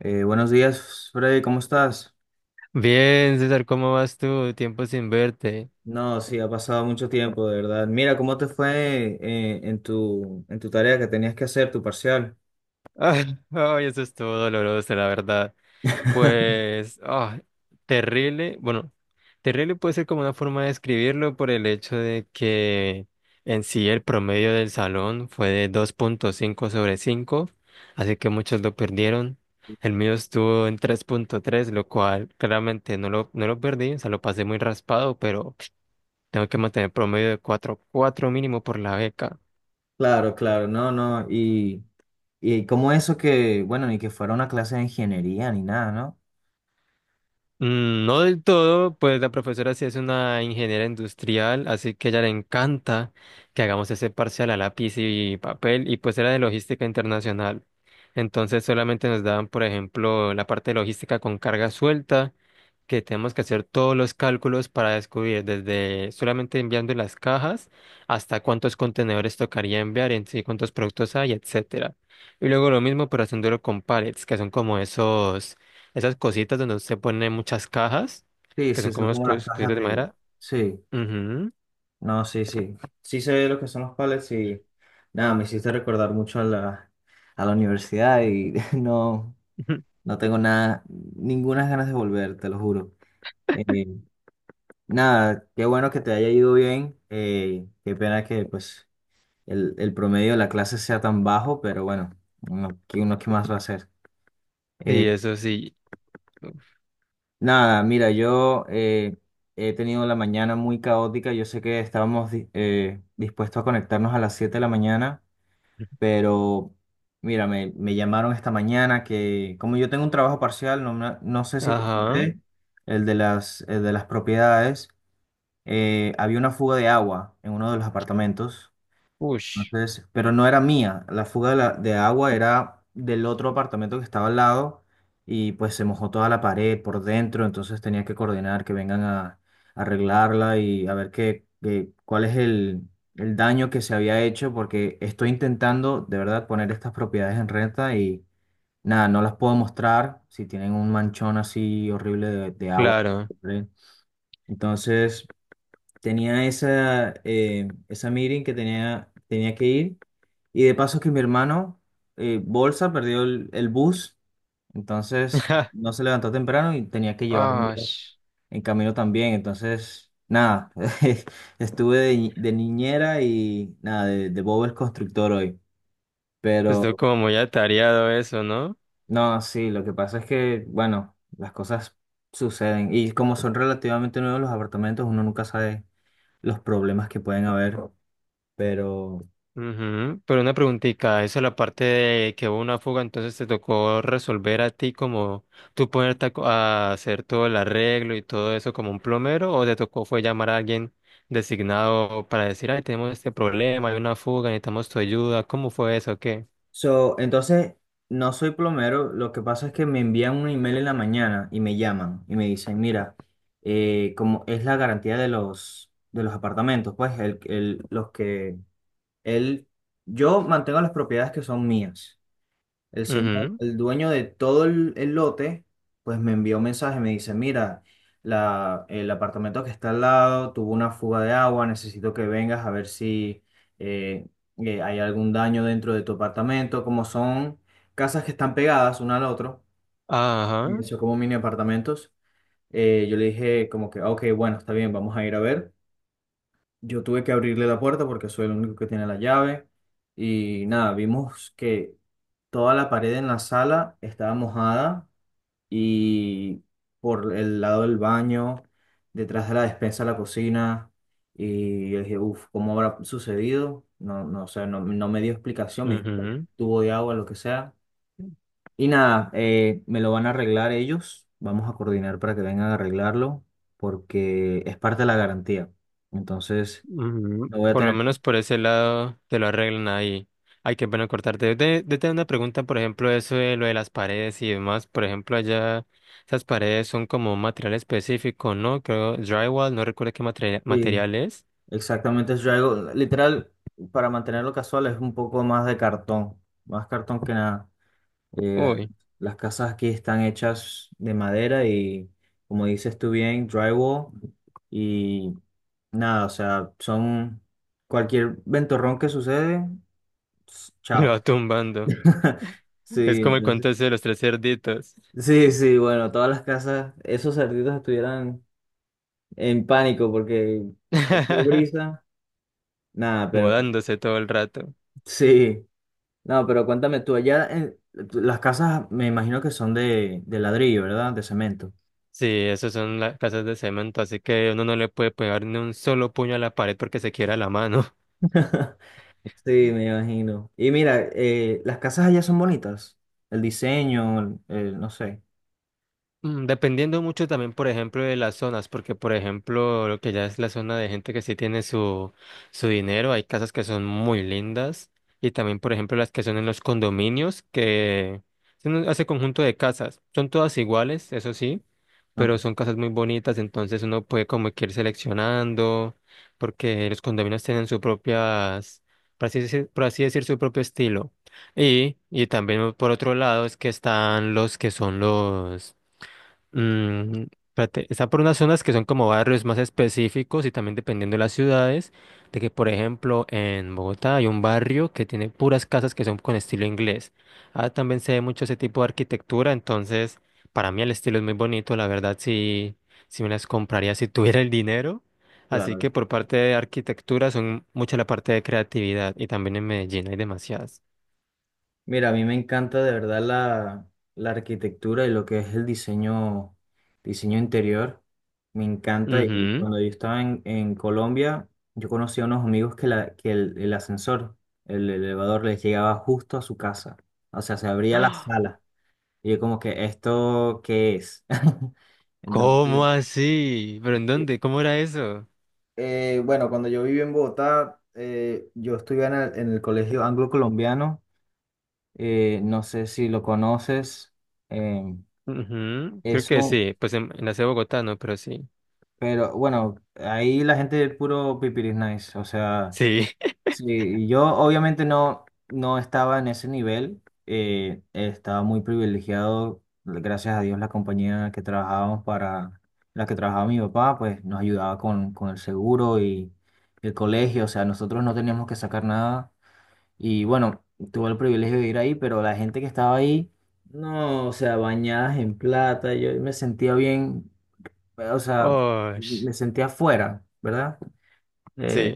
Buenos días, Freddy, ¿cómo estás? Bien, César, ¿cómo vas tú? Tiempo sin verte. No, sí, ha pasado mucho tiempo, de verdad. Mira, ¿cómo te fue en tu tarea que tenías que hacer, tu parcial? Ay, ay, eso estuvo doloroso, la verdad. Pues, terrible. Bueno, terrible puede ser como una forma de describirlo por el hecho de que en sí el promedio del salón fue de 2,5 sobre 5, así que muchos lo perdieron. El mío estuvo en 3,3, lo cual claramente no lo perdí, o sea, lo pasé muy raspado, pero tengo que mantener promedio de 4,4 mínimo por la beca. Claro, claro, no, no. Y como eso que, bueno, ni que fuera una clase de ingeniería ni nada, ¿no? No del todo, pues la profesora sí es una ingeniera industrial, así que a ella le encanta que hagamos ese parcial a lápiz y papel, y pues era de logística internacional. Entonces solamente nos daban, por ejemplo, la parte de logística con carga suelta, que tenemos que hacer todos los cálculos para descubrir desde solamente enviando las cajas hasta cuántos contenedores tocaría enviar en sí, cuántos productos hay, etcétera. Y luego lo mismo, pero haciéndolo con pallets, que son como esos esas cositas donde usted pone muchas cajas, Sí, que sí, son como son unas como las cajas cositas de de... madera. Sí, Ujú. no, sí, sí. Sí sé lo que son los pallets y nada, me hiciste recordar mucho a la universidad y no, no tengo nada, ninguna ganas de volver, te lo juro. Eh, Nada, qué bueno que te haya ido bien. Qué pena que pues el promedio de la clase sea tan bajo, pero bueno, uno qué más va a hacer? Eh, Sí, eso sí. nada, mira, yo he tenido la mañana muy caótica. Yo sé que estábamos dispuestos a conectarnos a las 7 de la mañana, pero mira, me llamaron esta mañana que como yo tengo un trabajo parcial, no, no sé si te Ajá. conté, el de las propiedades. Había una fuga de agua en uno de los apartamentos. Ush. Entonces, pero no era mía, la fuga de, la- de agua era del otro apartamento que estaba al lado y pues se mojó toda la pared por dentro, entonces tenía que coordinar que vengan a arreglarla y a ver cuál es el daño que se había hecho porque estoy intentando de verdad poner estas propiedades en renta y nada, no las puedo mostrar si tienen un manchón así horrible de agua. Claro. ¿Vale? Entonces tenía esa, esa meeting que tenía, tenía que ir. Y de paso que mi hermano, Bolsa, perdió el bus, entonces no se levantó temprano y tenía que llevarlo Ash. en camino también. Entonces, nada, estuve de, de niñera y nada, de Bob el constructor hoy. Estuvo Pero como muy atareado eso, ¿no? no, sí, lo que pasa es que, bueno, las cosas suceden. Y como son relativamente nuevos los apartamentos, uno nunca sabe los problemas que pueden haber. Pero Ujú, pero una preguntita, eso es la parte de que hubo una fuga, entonces te tocó resolver a ti como tú ponerte a, a hacer todo el arreglo y todo eso como un plomero, o te tocó fue llamar a alguien designado para decir, ay, tenemos este problema, hay una fuga, necesitamos tu ayuda. ¿Cómo fue eso? ¿Qué? so, entonces, no soy plomero, lo que pasa es que me envían un email en la mañana y me llaman y me dicen, mira, como es la garantía de los apartamentos, pues los que él, yo mantengo las propiedades que son mías. El señor, Ujú. el dueño de todo el lote, pues me envió un mensaje, me dice, mira, el apartamento que está al lado tuvo una fuga de agua, necesito que vengas a ver si eh, hay algún daño dentro de tu apartamento, como son casas que están pegadas una al otro, y Ajá. son como mini apartamentos. Yo le dije como que, "Ah, ok, bueno, está bien, vamos a ir a ver". Yo tuve que abrirle la puerta porque soy el único que tiene la llave. Y nada, vimos que toda la pared en la sala estaba mojada y por el lado del baño, detrás de la despensa, la cocina. Y yo dije, uff, ¿cómo habrá sucedido? No, no sé, no, no me dio explicación, me dijo que había un Ujú. tubo de agua, lo que sea. Y nada, me lo van a arreglar ellos. Vamos a coordinar para que vengan a arreglarlo porque es parte de la garantía. Entonces... Mm, No voy a Por lo tener. menos por ese lado te lo arreglan ahí. Hay que bueno cortarte. De tener una pregunta, por ejemplo, eso de lo de las paredes y demás. Por ejemplo, allá esas paredes son como un material específico, ¿no? Creo drywall, no recuerdo qué Sí, material es. exactamente. Yo hago, literal, para mantenerlo casual es un poco más de cartón, más cartón que nada. Eh, las, Uy. las casas aquí están hechas de madera y, como dices tú bien, drywall y nada, o sea, son cualquier ventorrón que sucede, Lo chao. va tumbando. Sí, Es como el entonces cuento ese de los tres cerditos. sí, sí, bueno, todas las casas, esos cerditos estuvieran en pánico porque cualquier brisa, nada, pero Mudándose todo el rato. sí. No, pero cuéntame tú, allá en las casas me imagino que son de ladrillo, ¿verdad? De cemento. Sí, esas son las casas de cemento, así que uno no le puede pegar ni un solo puño a la pared porque se quiera la mano. Sí, me imagino. Y mira, las casas allá son bonitas. El diseño, no sé. Dependiendo mucho también, por ejemplo, de las zonas, porque, por ejemplo, lo que ya es la zona de gente que sí tiene su, su dinero, hay casas que son muy lindas, y también, por ejemplo, las que son en los condominios, que son ese conjunto de casas, son todas iguales, eso sí, Ok. pero son casas muy bonitas, entonces uno puede como que ir seleccionando, porque los condominios tienen su propias, por así decir, su propio estilo. Y también por otro lado es que están los que son los Mm, espérate, está por unas zonas que son como barrios más específicos y también dependiendo de las ciudades, de que por ejemplo en Bogotá hay un barrio que tiene puras casas que son con estilo inglés. Ah, también se ve mucho ese tipo de arquitectura, entonces para mí el estilo es muy bonito, la verdad sí, sí me las compraría si tuviera el dinero. Así Claro. que por parte de arquitectura son mucha la parte de creatividad y también en Medellín hay demasiadas. Mira, a mí me encanta de verdad la, la arquitectura y lo que es el diseño, diseño interior. Me encanta y Ujú. cuando yo estaba en Colombia, yo conocí a unos amigos que, que el ascensor, el elevador les llegaba justo a su casa. O sea, se abría la ¡Ah! sala. Y yo como que, ¿esto qué es? Entonces, ¿Cómo así? ¿Pero en dónde? ¿Cómo era eso? Bueno, cuando yo viví en Bogotá, yo estudié en el colegio anglo-colombiano. No sé si lo conoces. em, Ujú, creo que Eso, sí, pues en la ciudad de Bogotá no, pero sí. pero bueno, ahí la gente es puro pipiris nice, o sea, Sí. sí, y yo obviamente no, no estaba en ese nivel, estaba muy privilegiado, gracias a Dios la compañía en la que trabajábamos para, la que trabajaba mi papá, pues nos ayudaba con el seguro y el colegio, o sea, nosotros no teníamos que sacar nada y bueno, tuve el privilegio de ir ahí, pero la gente que estaba ahí, no, o sea, bañadas en plata, yo me sentía bien, o sea, Oh, me sentía afuera, ¿verdad? Eh, sí.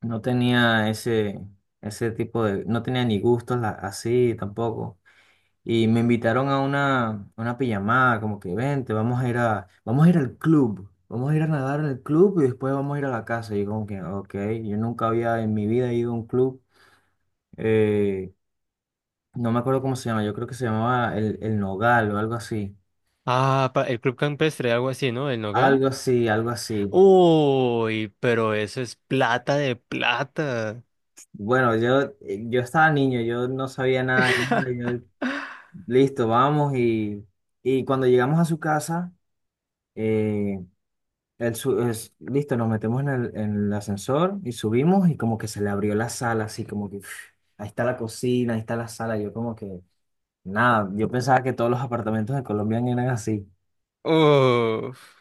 no tenía ese, ese tipo de, no tenía ni gustos así tampoco. Y me invitaron a una pijamada, como que vente, vamos a ir a, vamos a ir al club, vamos a ir a nadar en el club y después vamos a ir a la casa. Y yo como que, ok, yo nunca había en mi vida ido a un club, eh, no me acuerdo cómo se llama, yo creo que se llamaba el Nogal o algo así, Ah, pa- el Club Campestre, algo así, ¿no? El algo Nogal. así, algo así. Uy, pero eso es plata de plata. Bueno, yo, yo estaba niño, yo no sabía nada, de nada, yo, listo, vamos y cuando llegamos a su casa, eh, listo, nos metemos en el ascensor y subimos y como que se le abrió la sala, así como que "Uf, ahí está la cocina, ahí está la sala", yo como que nada, yo pensaba que todos los apartamentos de Colombia eran así, Uf,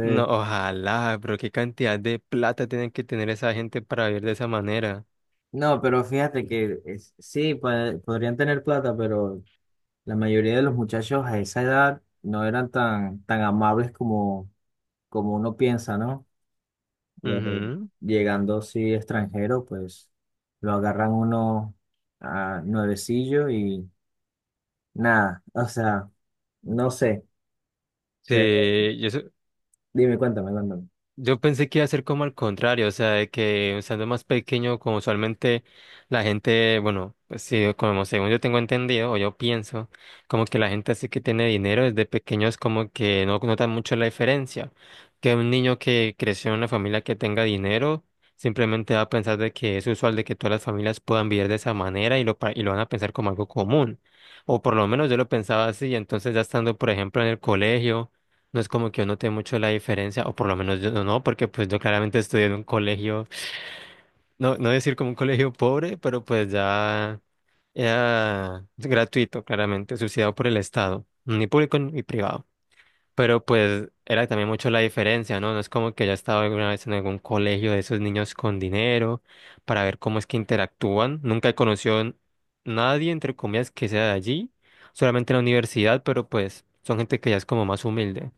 no, ojalá, pero qué cantidad de plata tienen que tener esa gente para vivir de esa manera. no, pero fíjate que sí, podrían tener plata, pero... La mayoría de los muchachos a esa edad no eran tan, tan amables como, como uno piensa, ¿no? Eh, Ujú. Llegando, sí, extranjero, pues lo agarran uno a nuevecillo y nada, o sea, no sé, pero Sí, yo, dime, cuéntame, cuéntame. Yo pensé que iba a ser como al contrario, o sea, de que siendo más pequeño, como usualmente la gente, bueno, pues sí, como según yo tengo entendido, o yo pienso, como que la gente así que tiene dinero desde pequeños como que no nota mucho la diferencia. Que un niño que creció en una familia que tenga dinero, simplemente va a pensar de que es usual de que todas las familias puedan vivir de esa manera y lo, pa- y lo van a pensar como algo común. O por lo menos yo lo pensaba así, entonces ya estando, por ejemplo, en el colegio. No es como que yo noté mucho la diferencia, o por lo menos yo no, porque pues yo claramente estudié en un colegio, no decir como un colegio pobre, pero pues ya era gratuito, claramente, subsidiado por el Estado, ni público ni privado. Pero pues era también mucho la diferencia, ¿no? No es como que ya estaba alguna vez en algún colegio de esos niños con dinero para ver cómo es que interactúan. Nunca he conocido nadie, entre comillas, que sea de allí, solamente en la universidad, pero pues son gente que ya es como más humilde.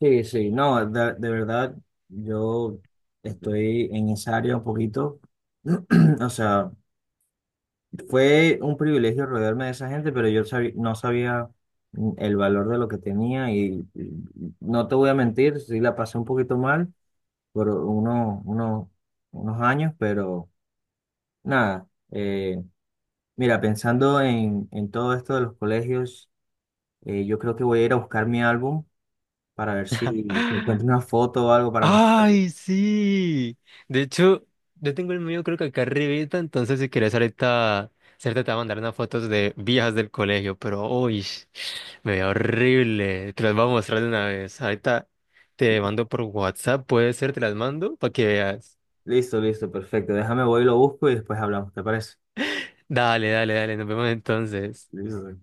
Sí, sí, no, de verdad, yo estoy en esa área un poquito, o sea, fue un privilegio rodearme de esa gente, pero yo no sabía el valor de lo que tenía y no te voy a mentir, sí la pasé un poquito mal por unos años, pero nada, mira, pensando en todo esto de los colegios, yo creo que voy a ir a buscar mi álbum para ver si, si encuentro una foto o algo para mostrarte. ¡Ay, sí! De hecho, yo tengo el mío creo que acá arribita, entonces si quieres ahorita, cierto, te voy a mandar unas fotos de viejas del colegio, pero uy, me veo horrible. Te las voy a mostrar de una vez. Ahorita te mando por WhatsApp, puede ser, te las mando para que veas. Listo, listo, perfecto. Déjame, voy y lo busco y después hablamos, ¿te parece? Dale, dale, dale, nos vemos entonces. Listo.